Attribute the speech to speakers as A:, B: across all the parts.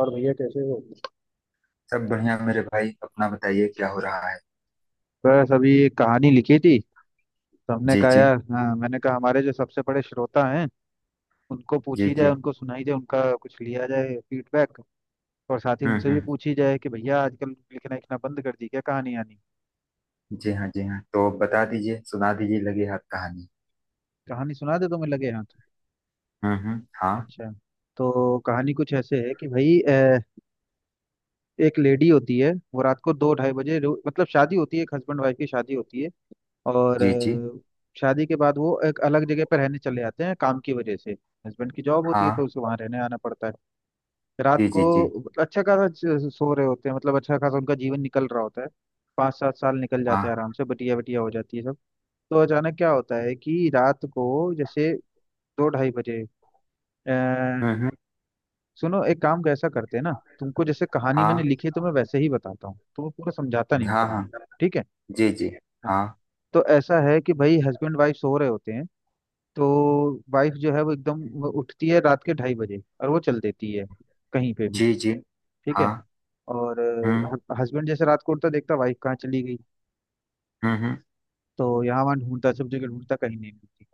A: और भैया कैसे हो?
B: सब बढ़िया मेरे भाई। अपना बताइए, क्या हो रहा है?
A: बस अभी एक कहानी लिखी थी। तो हमने
B: जी
A: कहा
B: जी।
A: यार, हाँ, मैंने कहा हमारे जो सबसे बड़े श्रोता हैं उनको
B: जी
A: पूछी
B: जी।
A: जाए, उनको सुनाई जाए, उनका कुछ लिया जाए फीडबैक। और साथ ही उनसे भी
B: हम्म।
A: पूछी जाए कि भैया आजकल लिखना लिखना बंद कर दी क्या, कहानी आनी।
B: जी हाँ, जी हाँ। तो बता दीजिए, सुना दीजिए लगे हाथ कहानी।
A: कहानी सुना दे, तुम्हें लगे हाथ।
B: हम्म, हाँ।
A: अच्छा। तो कहानी कुछ ऐसे है कि भाई, एक लेडी होती है, वो रात को दो ढाई बजे मतलब शादी होती है, एक हस्बैंड वाइफ की शादी होती है। और
B: जी जी।
A: शादी के बाद वो एक अलग जगह पर रहने चले जाते हैं काम की वजह से। हस्बैंड की जॉब होती है
B: हाँ।
A: तो उसे वहां रहने आना पड़ता है। रात
B: जी
A: को
B: जी जी।
A: मतलब अच्छा खासा सो रहे होते हैं, मतलब अच्छा खासा उनका जीवन निकल रहा होता है। पाँच सात साल निकल जाते
B: हाँ।
A: हैं आराम से, बटिया बटिया हो जाती है सब। तो अचानक क्या होता है कि रात को, जैसे, दो ढाई बजे अ,
B: हम्म।
A: सुनो, एक काम कैसा करते हैं ना। तुमको, जैसे कहानी मैंने
B: हाँ
A: लिखी है तो मैं वैसे ही बताता हूँ, तो पूरा समझाता नहीं हूँ
B: हाँ।
A: कहानी।
B: हाँ।
A: ठीक है।
B: जी जी।
A: हाँ।
B: हाँ।
A: तो ऐसा है कि भाई हस्बैंड वाइफ सो रहे होते हैं। तो वाइफ जो है वो एकदम वो उठती है रात के ढाई बजे और वो चल देती है कहीं पे भी।
B: जी जी।
A: ठीक
B: हाँ।
A: है। और
B: हम्म
A: हस्बैंड जैसे रात को उठता, देखता वाइफ कहाँ चली गई।
B: हम्म।
A: तो यहाँ वहाँ ढूंढता, सब जगह ढूंढता, कहीं नहीं मिलती।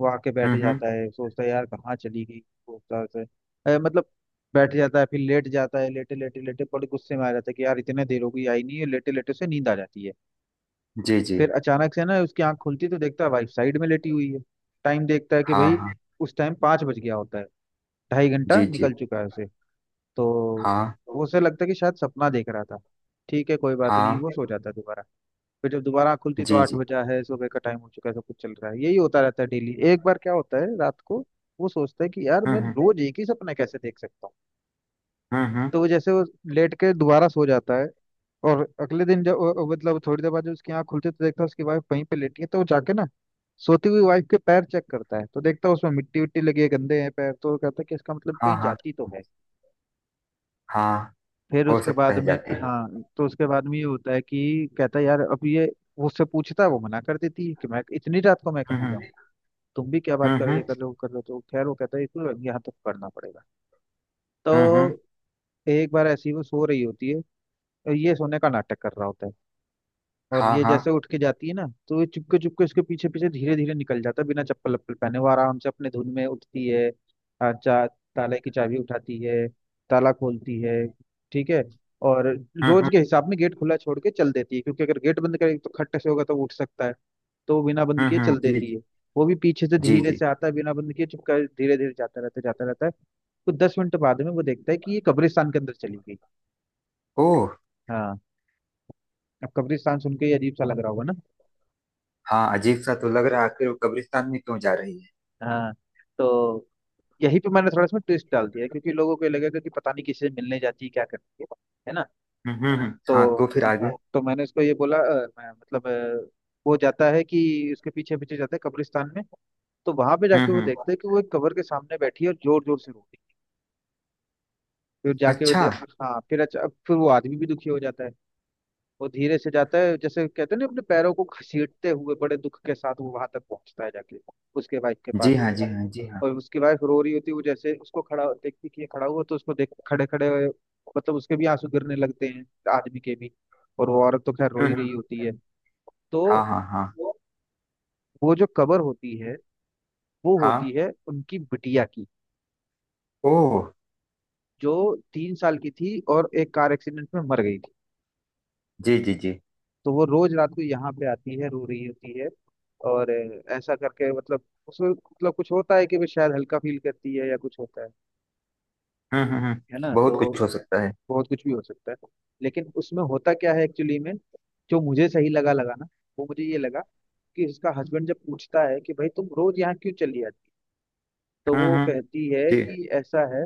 A: वो आके बैठ जाता
B: हम्म।
A: है, सोचता है यार कहाँ चली गई, सोचता है मतलब, बैठ जाता है, फिर लेट जाता है। लेटे लेटे लेटे बड़े गुस्से में आ जाता है कि यार इतने देर हो गई, आई नहीं है। लेटे लेटे उसे नींद आ जाती है।
B: जी जी।
A: फिर अचानक से ना उसकी आंख खुलती है तो देखता है वाइफ साइड में लेटी हुई है। टाइम देखता है कि
B: हाँ
A: भाई
B: हाँ।
A: उस टाइम पाँच बज गया होता है। ढाई घंटा
B: जी जी।
A: निकल चुका है उसे। तो
B: हाँ
A: वो, उसे लगता है कि शायद सपना देख रहा था। ठीक है, कोई बात नहीं,
B: हाँ।
A: वो सो जाता है दोबारा। फिर जब दोबारा आँख खुलती तो
B: जी
A: आठ
B: जी।
A: बजा है, सुबह का टाइम हो चुका है, सब कुछ चल रहा है। यही होता रहता है डेली, एक बार क्या होता है रात को। वो सोचता है कि यार मैं
B: हम्म।
A: रोज एक ही सपना कैसे देख सकता हूँ।
B: हम्म।
A: तो वो, जैसे वो लेट के दोबारा सो जाता है। और अगले दिन जब मतलब थोड़ी देर बाद जब उसकी आँख खुलती है तो देखता है उसकी वाइफ वहीं पे लेटी है। तो वो जाके ना सोती हुई वाइफ के पैर चेक करता है, तो देखता है उसमें मिट्टी विट्टी लगी है, गंदे हैं पैर। तो वो कहता है कि इसका मतलब
B: हाँ
A: कहीं
B: हाँ।
A: जाती तो है।
B: हाँ,
A: फिर
B: हो
A: उसके
B: सकता
A: बाद
B: है
A: में,
B: जाती है।
A: हाँ, तो उसके बाद में ये होता है कि कहता है यार अब ये, वो उससे पूछता है। वो मना कर देती है कि मैं इतनी रात को मैं कहाँ
B: हम्म।
A: जाऊँ, तुम भी क्या बात कर रहे हो,
B: हम्म।
A: ये कर लो वो कर लो। तो खैर वो कहता है इसको यहाँ तक करना पड़ेगा। तो
B: हम्म।
A: एक बार ऐसी वो सो रही होती है और ये सोने का नाटक कर रहा होता है। और
B: हाँ
A: ये
B: हाँ।
A: जैसे उठ के जाती है ना, तो ये चुपके चुपके उसके पीछे पीछे धीरे धीरे निकल जाता है बिना चप्पल वप्पल पहने। वो आराम से अपने धुन में उठती है, आ, चा ताले की चाबी उठाती है, ताला खोलती है। ठीक है। और रोज
B: हम्म।
A: के हिसाब में गेट खुला छोड़ के चल देती है, क्योंकि अगर गेट बंद करेगी तो खट से होगा तो वो उठ सकता है। तो वो बिना बंद किए चल
B: जी
A: देती
B: जी।
A: है। वो भी पीछे से
B: जी
A: धीरे
B: जी।
A: से आता है बिना बंद किए चुपका, धीरे धीरे जाता रहता है। तो 10 मिनट बाद में वो देखता है कि ये कब्रिस्तान के अंदर चली गई।
B: ओह।
A: हाँ। अब कब्रिस्तान सुन के ये अजीब सा लग रहा होगा ना।
B: हाँ, अजीब सा तो लग रहा है। आखिर वो कब्रिस्तान में क्यों जा रही है?
A: हाँ। तो यही पे मैंने थोड़ा इसमें ट्विस्ट डाल दिया है, क्योंकि लोगों को ये लगेगा कि पता नहीं किसी से मिलने जाती है, क्या करती है। है ना।
B: हम्म। हाँ,
A: तो
B: तो फिर आगे?
A: हाँ, तो मैंने उसको ये बोला मतलब वो जाता है कि उसके पीछे पीछे जाता है कब्रिस्तान में। तो वहां पे जाके वो
B: हम्म।
A: देखता है कि वो एक कब्र के सामने बैठी है और जोर जोर से रो रही है। फिर जाके वो
B: अच्छा।
A: हाँ, फिर अच्छा, फिर वो आदमी भी दुखी हो जाता है। वो धीरे से जाता है, जैसे कहते हैं ना अपने पैरों को घसीटते हुए बड़े दुख के साथ, वो वहां तक पहुंचता है जाके उसके वाइफ के
B: जी
A: पास।
B: हाँ, जी हाँ, जी हाँ।
A: और उसकी वाइफ रो रही होती है। वो जैसे उसको खड़ा देखती कि ये खड़ा हुआ, तो उसको देख खड़े खड़े मतलब उसके भी आंसू गिरने लगते हैं, आदमी के भी। और वो औरत तो खैर रो ही रही
B: हम्म।
A: होती है।
B: हाँ
A: तो
B: हाँ हाँ।
A: वो जो कबर होती है वो होती
B: हाँ।
A: है उनकी बिटिया की,
B: ओह।
A: जो 3 साल की थी और एक कार एक्सीडेंट में मर गई थी।
B: जी जी जी।
A: तो वो रोज रात को यहाँ पे आती है, रो रही होती है। और ऐसा करके मतलब उसमें मतलब कुछ होता है कि वो शायद हल्का फील करती है, या कुछ होता है।
B: हम्म।
A: है ना। तो
B: बहुत कुछ हो सकता है।
A: बहुत कुछ भी हो सकता है। लेकिन उसमें होता क्या है एक्चुअली में, जो मुझे सही लगा लगा ना, वो मुझे ये लगा कि उसका हस्बैंड जब पूछता है कि भाई तुम रोज यहाँ क्यों चली आती, तो वो
B: हम्म।
A: कहती है
B: जी।
A: कि ऐसा है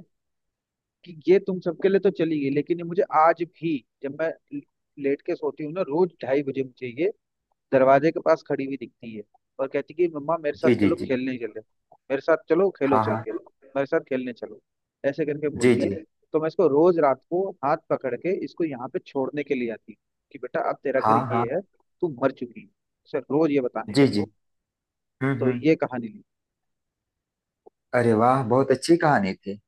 A: कि ये तुम सबके लिए तो चली गई, लेकिन ये मुझे आज भी, जब मैं लेट के सोती हूँ ना रोज ढाई बजे, मुझे ये दरवाजे के पास खड़ी हुई दिखती है। और कहती कि मम्मा मेरे
B: जी
A: साथ
B: जी
A: चलो
B: जी।
A: खेलने चले, मेरे साथ चलो खेलो,
B: हाँ
A: चल
B: हाँ।
A: के मेरे साथ खेलने चलो, ऐसे करके
B: जी
A: बोलती है।
B: जी।
A: तो मैं इसको रोज रात को हाथ पकड़ के इसको यहाँ पे छोड़ने के लिए आती हूँ कि बेटा अब तेरा घर
B: हाँ हाँ।
A: ये है, तू मर चुकी है, सर रोज ये बताने
B: जी
A: आती
B: जी।
A: हूँ। तो
B: हम्म।
A: ये कहानी ली।
B: अरे वाह, बहुत अच्छी कहानी थी।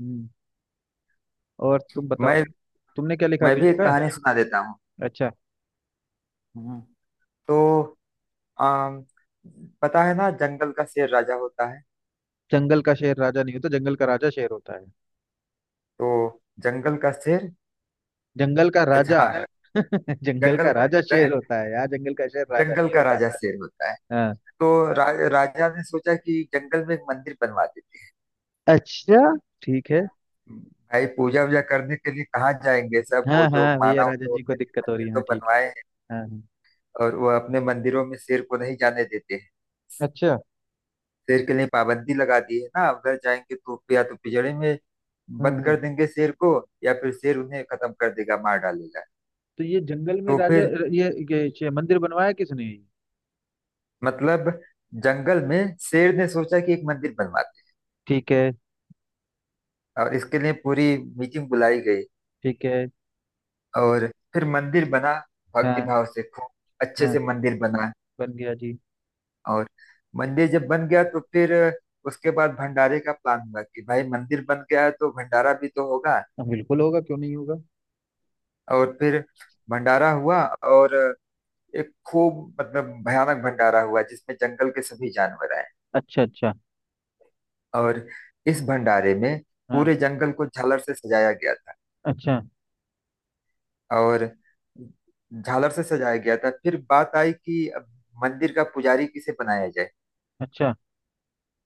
A: हम्म, और तुम बताओ,
B: मैं
A: तुमने क्या लिखा,
B: मैं
A: कुछ
B: भी एक
A: लिखा है।
B: कहानी सुना देता हूँ।
A: अच्छा।
B: हम्म। तो आम, पता है ना जंगल का शेर राजा होता है।
A: जंगल का शेर राजा नहीं होता, जंगल का राजा शेर होता है।
B: तो जंगल का शेर।
A: जंगल का राजा।
B: अच्छा।
A: जंगल का
B: जंगल,
A: राजा
B: जं,
A: शेर होता है यार, जंगल का शेर राजा
B: जंगल
A: नहीं
B: का
A: होता।
B: राजा शेर होता है। तो राजा ने सोचा कि जंगल में एक मंदिर बनवा देते
A: अच्छा, ठीक है।
B: हैं। भाई, पूजा वूजा करने के लिए कहाँ जाएंगे सब? वो
A: हाँ
B: जो
A: हाँ, भैया
B: मानव
A: राजा जी को
B: होते हैं
A: दिक्कत हो रही
B: मंदिर
A: है,
B: तो
A: हाँ ठीक।
B: बनवाए हैं,
A: हाँ हाँ।
B: और वो अपने मंदिरों में शेर को नहीं जाने देते हैं।
A: अच्छा।
B: शेर के लिए पाबंदी लगा दी है ना, उधर जाएंगे तो या तो पिंजरे में बंद
A: हम्म।
B: कर देंगे शेर को, या फिर शेर उन्हें खत्म कर देगा, मार डालेगा।
A: तो ये जंगल में
B: तो
A: राजा
B: फिर
A: ये मंदिर बनवाया किसने।
B: मतलब जंगल में शेर ने सोचा कि एक मंदिर बनवाते
A: ठीक है।
B: हैं। और इसके लिए पूरी मीटिंग बुलाई गई,
A: ठीक है।
B: और फिर मंदिर बना,
A: हाँ
B: भक्तिभाव से खूब अच्छे
A: हाँ।
B: से मंदिर बना।
A: बन गया जी।
B: और मंदिर जब बन गया तो फिर उसके बाद भंडारे का प्लान हुआ कि भाई, मंदिर बन गया है तो भंडारा भी तो होगा।
A: हाँ, बिल्कुल होगा, क्यों नहीं होगा।
B: और फिर भंडारा हुआ, और एक खूब मतलब भयानक भंडारा हुआ जिसमें जंगल के सभी जानवर आए।
A: अच्छा अच्छा।
B: और इस भंडारे में
A: हाँ।
B: पूरे जंगल को झालर से सजाया गया था,
A: अच्छा
B: और झालर से सजाया गया था। फिर बात आई कि अब मंदिर का पुजारी किसे बनाया जाए।
A: अच्छा।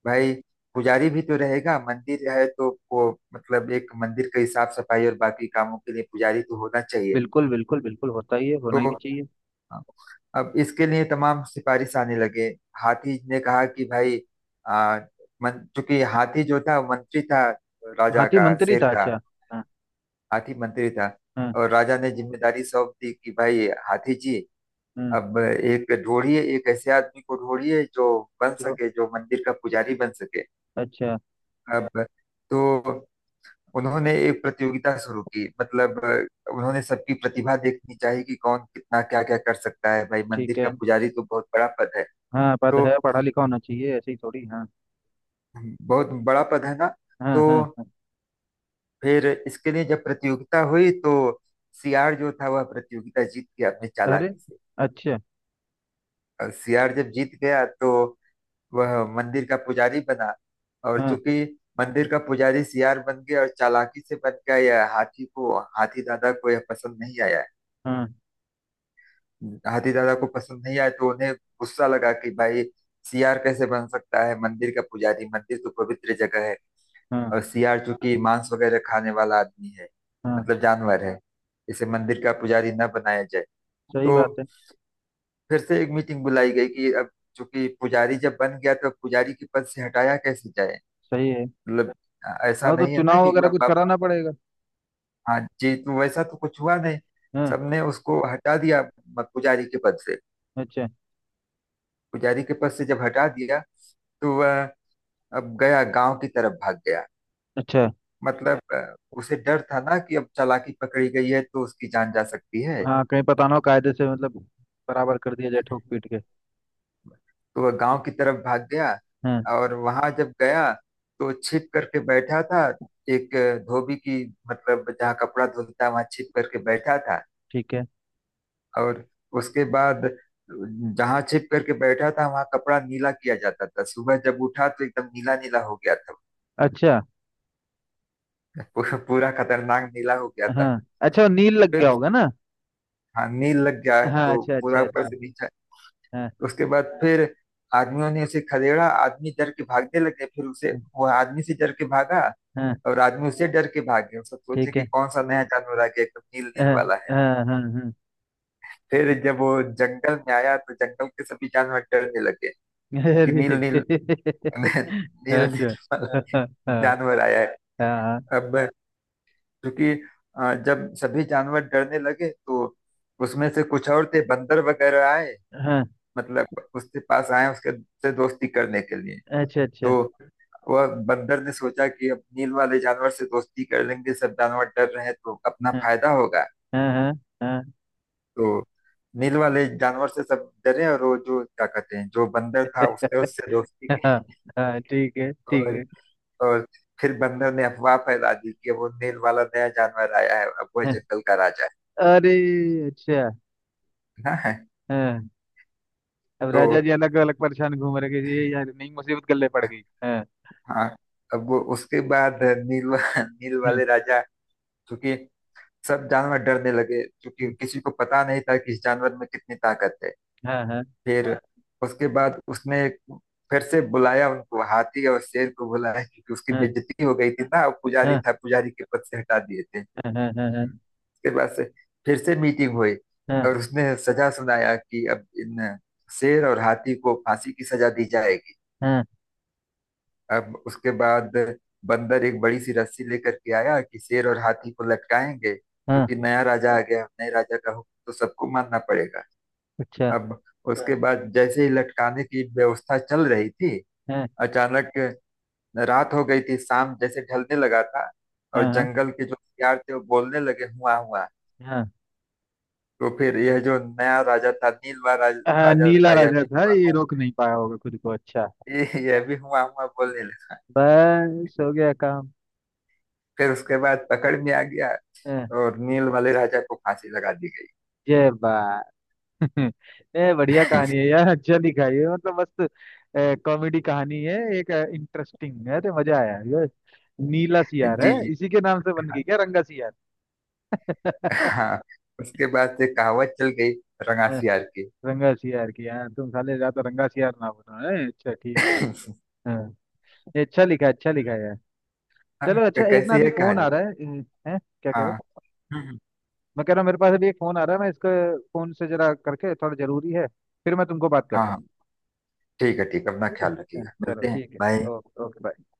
B: भाई, पुजारी भी तो रहेगा, मंदिर है तो वो मतलब एक मंदिर की साफ सफाई और बाकी कामों के लिए पुजारी तो होना चाहिए।
A: बिल्कुल बिल्कुल बिल्कुल होता ही है, होना
B: तो
A: ही भी चाहिए।
B: अब इसके लिए तमाम सिफारिश आने लगे। हाथी ने कहा कि भाई, आ, मन, चूंकि हाथी जो था वो मंत्री था, राजा
A: हाथी
B: का,
A: मंत्री
B: शेर
A: था,
B: का।
A: अच्छा। हाँ।
B: हाथी मंत्री था।
A: हाँ
B: और राजा ने जिम्मेदारी सौंप दी कि भाई हाथी जी,
A: हाँ।
B: अब एक ढूंढिए, एक ऐसे आदमी को ढूंढिए जो बन
A: जो,
B: सके, जो मंदिर का पुजारी बन सके।
A: अच्छा।
B: अब तो उन्होंने एक प्रतियोगिता शुरू की। मतलब उन्होंने सबकी प्रतिभा देखनी चाहिए कि कौन कितना क्या क्या कर सकता है। भाई,
A: ठीक
B: मंदिर का
A: है।
B: पुजारी तो बहुत बड़ा पद है,
A: हाँ, पद
B: तो
A: है, पढ़ा लिखा होना चाहिए ऐसे ही थोड़ी, हाँ।
B: बहुत बड़ा पद है ना।
A: हाँ
B: तो
A: हाँ हाँ।
B: फिर इसके लिए जब प्रतियोगिता हुई तो सियार जो था वह प्रतियोगिता जीत गया अपनी
A: अरे,
B: चालाकी से।
A: अच्छा।
B: और सियार जब जीत गया तो वह मंदिर का पुजारी बना। और
A: हाँ।
B: चूंकि मंदिर का पुजारी सियार बन गया और चालाकी से बन गया, यह हाथी को, हाथी दादा को यह पसंद नहीं आया।
A: हाँ
B: हाथी दादा को पसंद नहीं आया तो उन्हें गुस्सा लगा कि भाई, सियार कैसे बन सकता है मंदिर का पुजारी, मंदिर तो पवित्र जगह है।
A: हाँ
B: और सियार चूंकि मांस वगैरह खाने वाला आदमी है,
A: हाँ।
B: मतलब जानवर है, इसे मंदिर का पुजारी न बनाया जाए।
A: सही
B: तो
A: बात है।
B: फिर से एक मीटिंग बुलाई गई कि अब चूंकि पुजारी जब बन गया तो पुजारी के पद से हटाया कैसे जाए।
A: सही है।
B: मतलब, ऐसा
A: हाँ, तो
B: नहीं है ना
A: चुनाव
B: कि
A: वगैरह कुछ
B: मतलब आप,
A: कराना पड़ेगा।
B: हाँ जी, तो वैसा तो कुछ हुआ नहीं।
A: हाँ।
B: सबने उसको हटा दिया, पुजारी के पद से।
A: अच्छा
B: पुजारी के पद से जब हटा दिया तो वह अब गया, गांव की तरफ भाग गया।
A: अच्छा।
B: मतलब उसे डर था ना कि अब चालाकी पकड़ी गई है तो उसकी जान जा सकती है।
A: हाँ, कहीं पता ना हो कायदे से, मतलब बराबर कर दिया जाए ठोक पीट के।
B: तो वह गांव की तरफ भाग गया,
A: हाँ।
B: और वहां जब गया तो छिप करके बैठा था एक धोबी की, मतलब जहाँ कपड़ा धुलता है वहां छिप करके बैठा था।
A: ठीक है।
B: और उसके बाद, जहां छिप करके बैठा था वहां कपड़ा नीला किया जाता था, सुबह जब उठा तो एकदम नीला नीला हो गया था।
A: अच्छा।
B: पूरा पूरा खतरनाक नीला हो गया था।
A: हाँ, अच्छा, वो नील लग
B: फिर
A: गया
B: उस-
A: होगा ना।
B: हाँ, नील लग गया है
A: हाँ,
B: तो
A: अच्छा अच्छा
B: पूरा ऊपर
A: अच्छा।
B: से नीचे।
A: हाँ
B: उसके बाद फिर आदमियों ने उसे खदेड़ा, आदमी डर के भागने लगे, फिर उसे,
A: हाँ
B: वो आदमी से डर के भागा।
A: हाँ,
B: और आदमी उससे डर के भाग गया, सब सोचे
A: ठीक
B: कि
A: है।
B: कौन सा नया जानवर आ गया, एकदम नील नील
A: हाँ
B: वाला है।
A: हाँ हाँ हाँ।
B: फिर जब वो जंगल में आया तो जंगल के सभी जानवर डरने लगे कि
A: अरे
B: नील नील, मैं, नील नील
A: अच्छा।
B: वाला
A: हाँ हाँ
B: जानवर आया है।
A: हाँ
B: अब, क्योंकि जब सभी जानवर डरने लगे तो उसमें से कुछ और थे, बंदर वगैरह आए,
A: हाँ,
B: मतलब उसके पास आए उसके से दोस्ती करने के लिए।
A: अच्छा अच्छा।
B: तो वह बंदर ने सोचा कि अब नील वाले जानवर से दोस्ती कर लेंगे, सब जानवर डर रहे हैं तो अपना
A: हाँ
B: फायदा होगा।
A: हाँ हाँ
B: तो नील वाले जानवर से सब डरे, और वो जो क्या कहते हैं जो
A: हाँ।
B: बंदर था उसने उससे दोस्ती की।
A: हाँ हाँ, ठीक है
B: और
A: ठीक
B: और फिर बंदर ने अफवाह फैला दी कि वो नील वाला नया जानवर आया है, अब वह
A: है।
B: जंगल का राजा है
A: अरे, अच्छा।
B: ना।
A: हाँ। अब
B: तो
A: राजा जी अलग अलग परेशान घूम रहे हैं कि ये यार नई मुसीबत गले पड़ गई, हाँ।
B: हाँ, अब वो उसके बाद, नील वा- नील
A: हम्म।
B: वाले राजा, क्योंकि सब जानवर डरने लगे, क्योंकि
A: हम्म।
B: किसी को पता नहीं था कि इस जानवर में कितनी ताकत है।
A: हाँ हाँ
B: फिर उसके बाद उसने फिर से बुलाया उनको, हाथी और शेर को बुलाया, क्योंकि उसकी
A: हाँ
B: बेइज्जती हो गई थी ना, पुजारी
A: हाँ
B: था, पुजारी के पद से हटा दिए थे।
A: हाँ। हाँ हाँ हाँ
B: उसके बाद से फिर से मीटिंग हुई,
A: हाँ
B: और उसने सजा सुनाया कि अब इन शेर और हाथी को फांसी की सजा दी जाएगी।
A: हाँ।
B: अब उसके बाद बंदर एक बड़ी सी रस्सी लेकर के आया कि शेर और हाथी को लटकाएंगे,
A: हाँ,
B: क्योंकि नया राजा आ गया, नए राजा का हुक्म तो सबको मानना पड़ेगा।
A: अच्छा।
B: अब उसके, हाँ, बाद जैसे ही लटकाने की व्यवस्था चल रही थी,
A: हाँ
B: अचानक रात हो गई थी, शाम जैसे ढलने लगा था, और
A: हाँ
B: जंगल के जो हथियार थे वो बोलने लगे हुआ हुआ।
A: हाँ
B: तो फिर यह जो नया राजा था, नीलवा
A: हाँ,
B: राजा
A: नीला
B: था, यह
A: राजा
B: भी
A: था,
B: हुआ
A: ये
B: हुआ,
A: रोक नहीं पाया होगा खुद को, अच्छा।
B: यह भी हुआ हुआ बोलने लगा।
A: बस हो गया काम।
B: फिर उसके बाद पकड़ में आ गया
A: हाँ।
B: और नील वाले राजा को फांसी लगा दी गई।
A: जय बा। ये बढ़िया कहानी है यार, अच्छा लिखा है ये, मतलब मस्त कॉमेडी कहानी है, एक इंटरेस्टिंग है, तो मजा आया। ये नीला सियार है,
B: जी जी।
A: इसी के नाम से बन गई क्या, रंगा सियार।
B: हाँ, उसके बाद से कहावत चल गई,
A: हाँ,
B: रंगासियार की।
A: रंगा सियार की, यार तुम साले ज्यादा रंगा सियार ना बनो, है, अच्छा ठीक है। हाँ। ये अच्छा लिखा है, अच्छा लिखा है यार।
B: हाँ,
A: चलो अच्छा, एक ना
B: कैसी
A: अभी
B: है
A: फोन
B: कहानी?
A: आ रहा है। अ, हैं, क्या कह रहे
B: हाँ।
A: हो।
B: हम्म।
A: मैं कह रहा हूँ मेरे पास अभी एक फोन आ रहा है, मैं इसको फोन से जरा करके, थोड़ा जरूरी है। फिर मैं तुमको बात
B: हाँ
A: करता हूँ।
B: हाँ। ठीक है, ठीक है, अपना
A: ठीक है,
B: ख्याल
A: हाँ,
B: रखिएगा।
A: चलो
B: मिलते हैं।
A: ठीक है।
B: बाय।
A: Okay okay bye.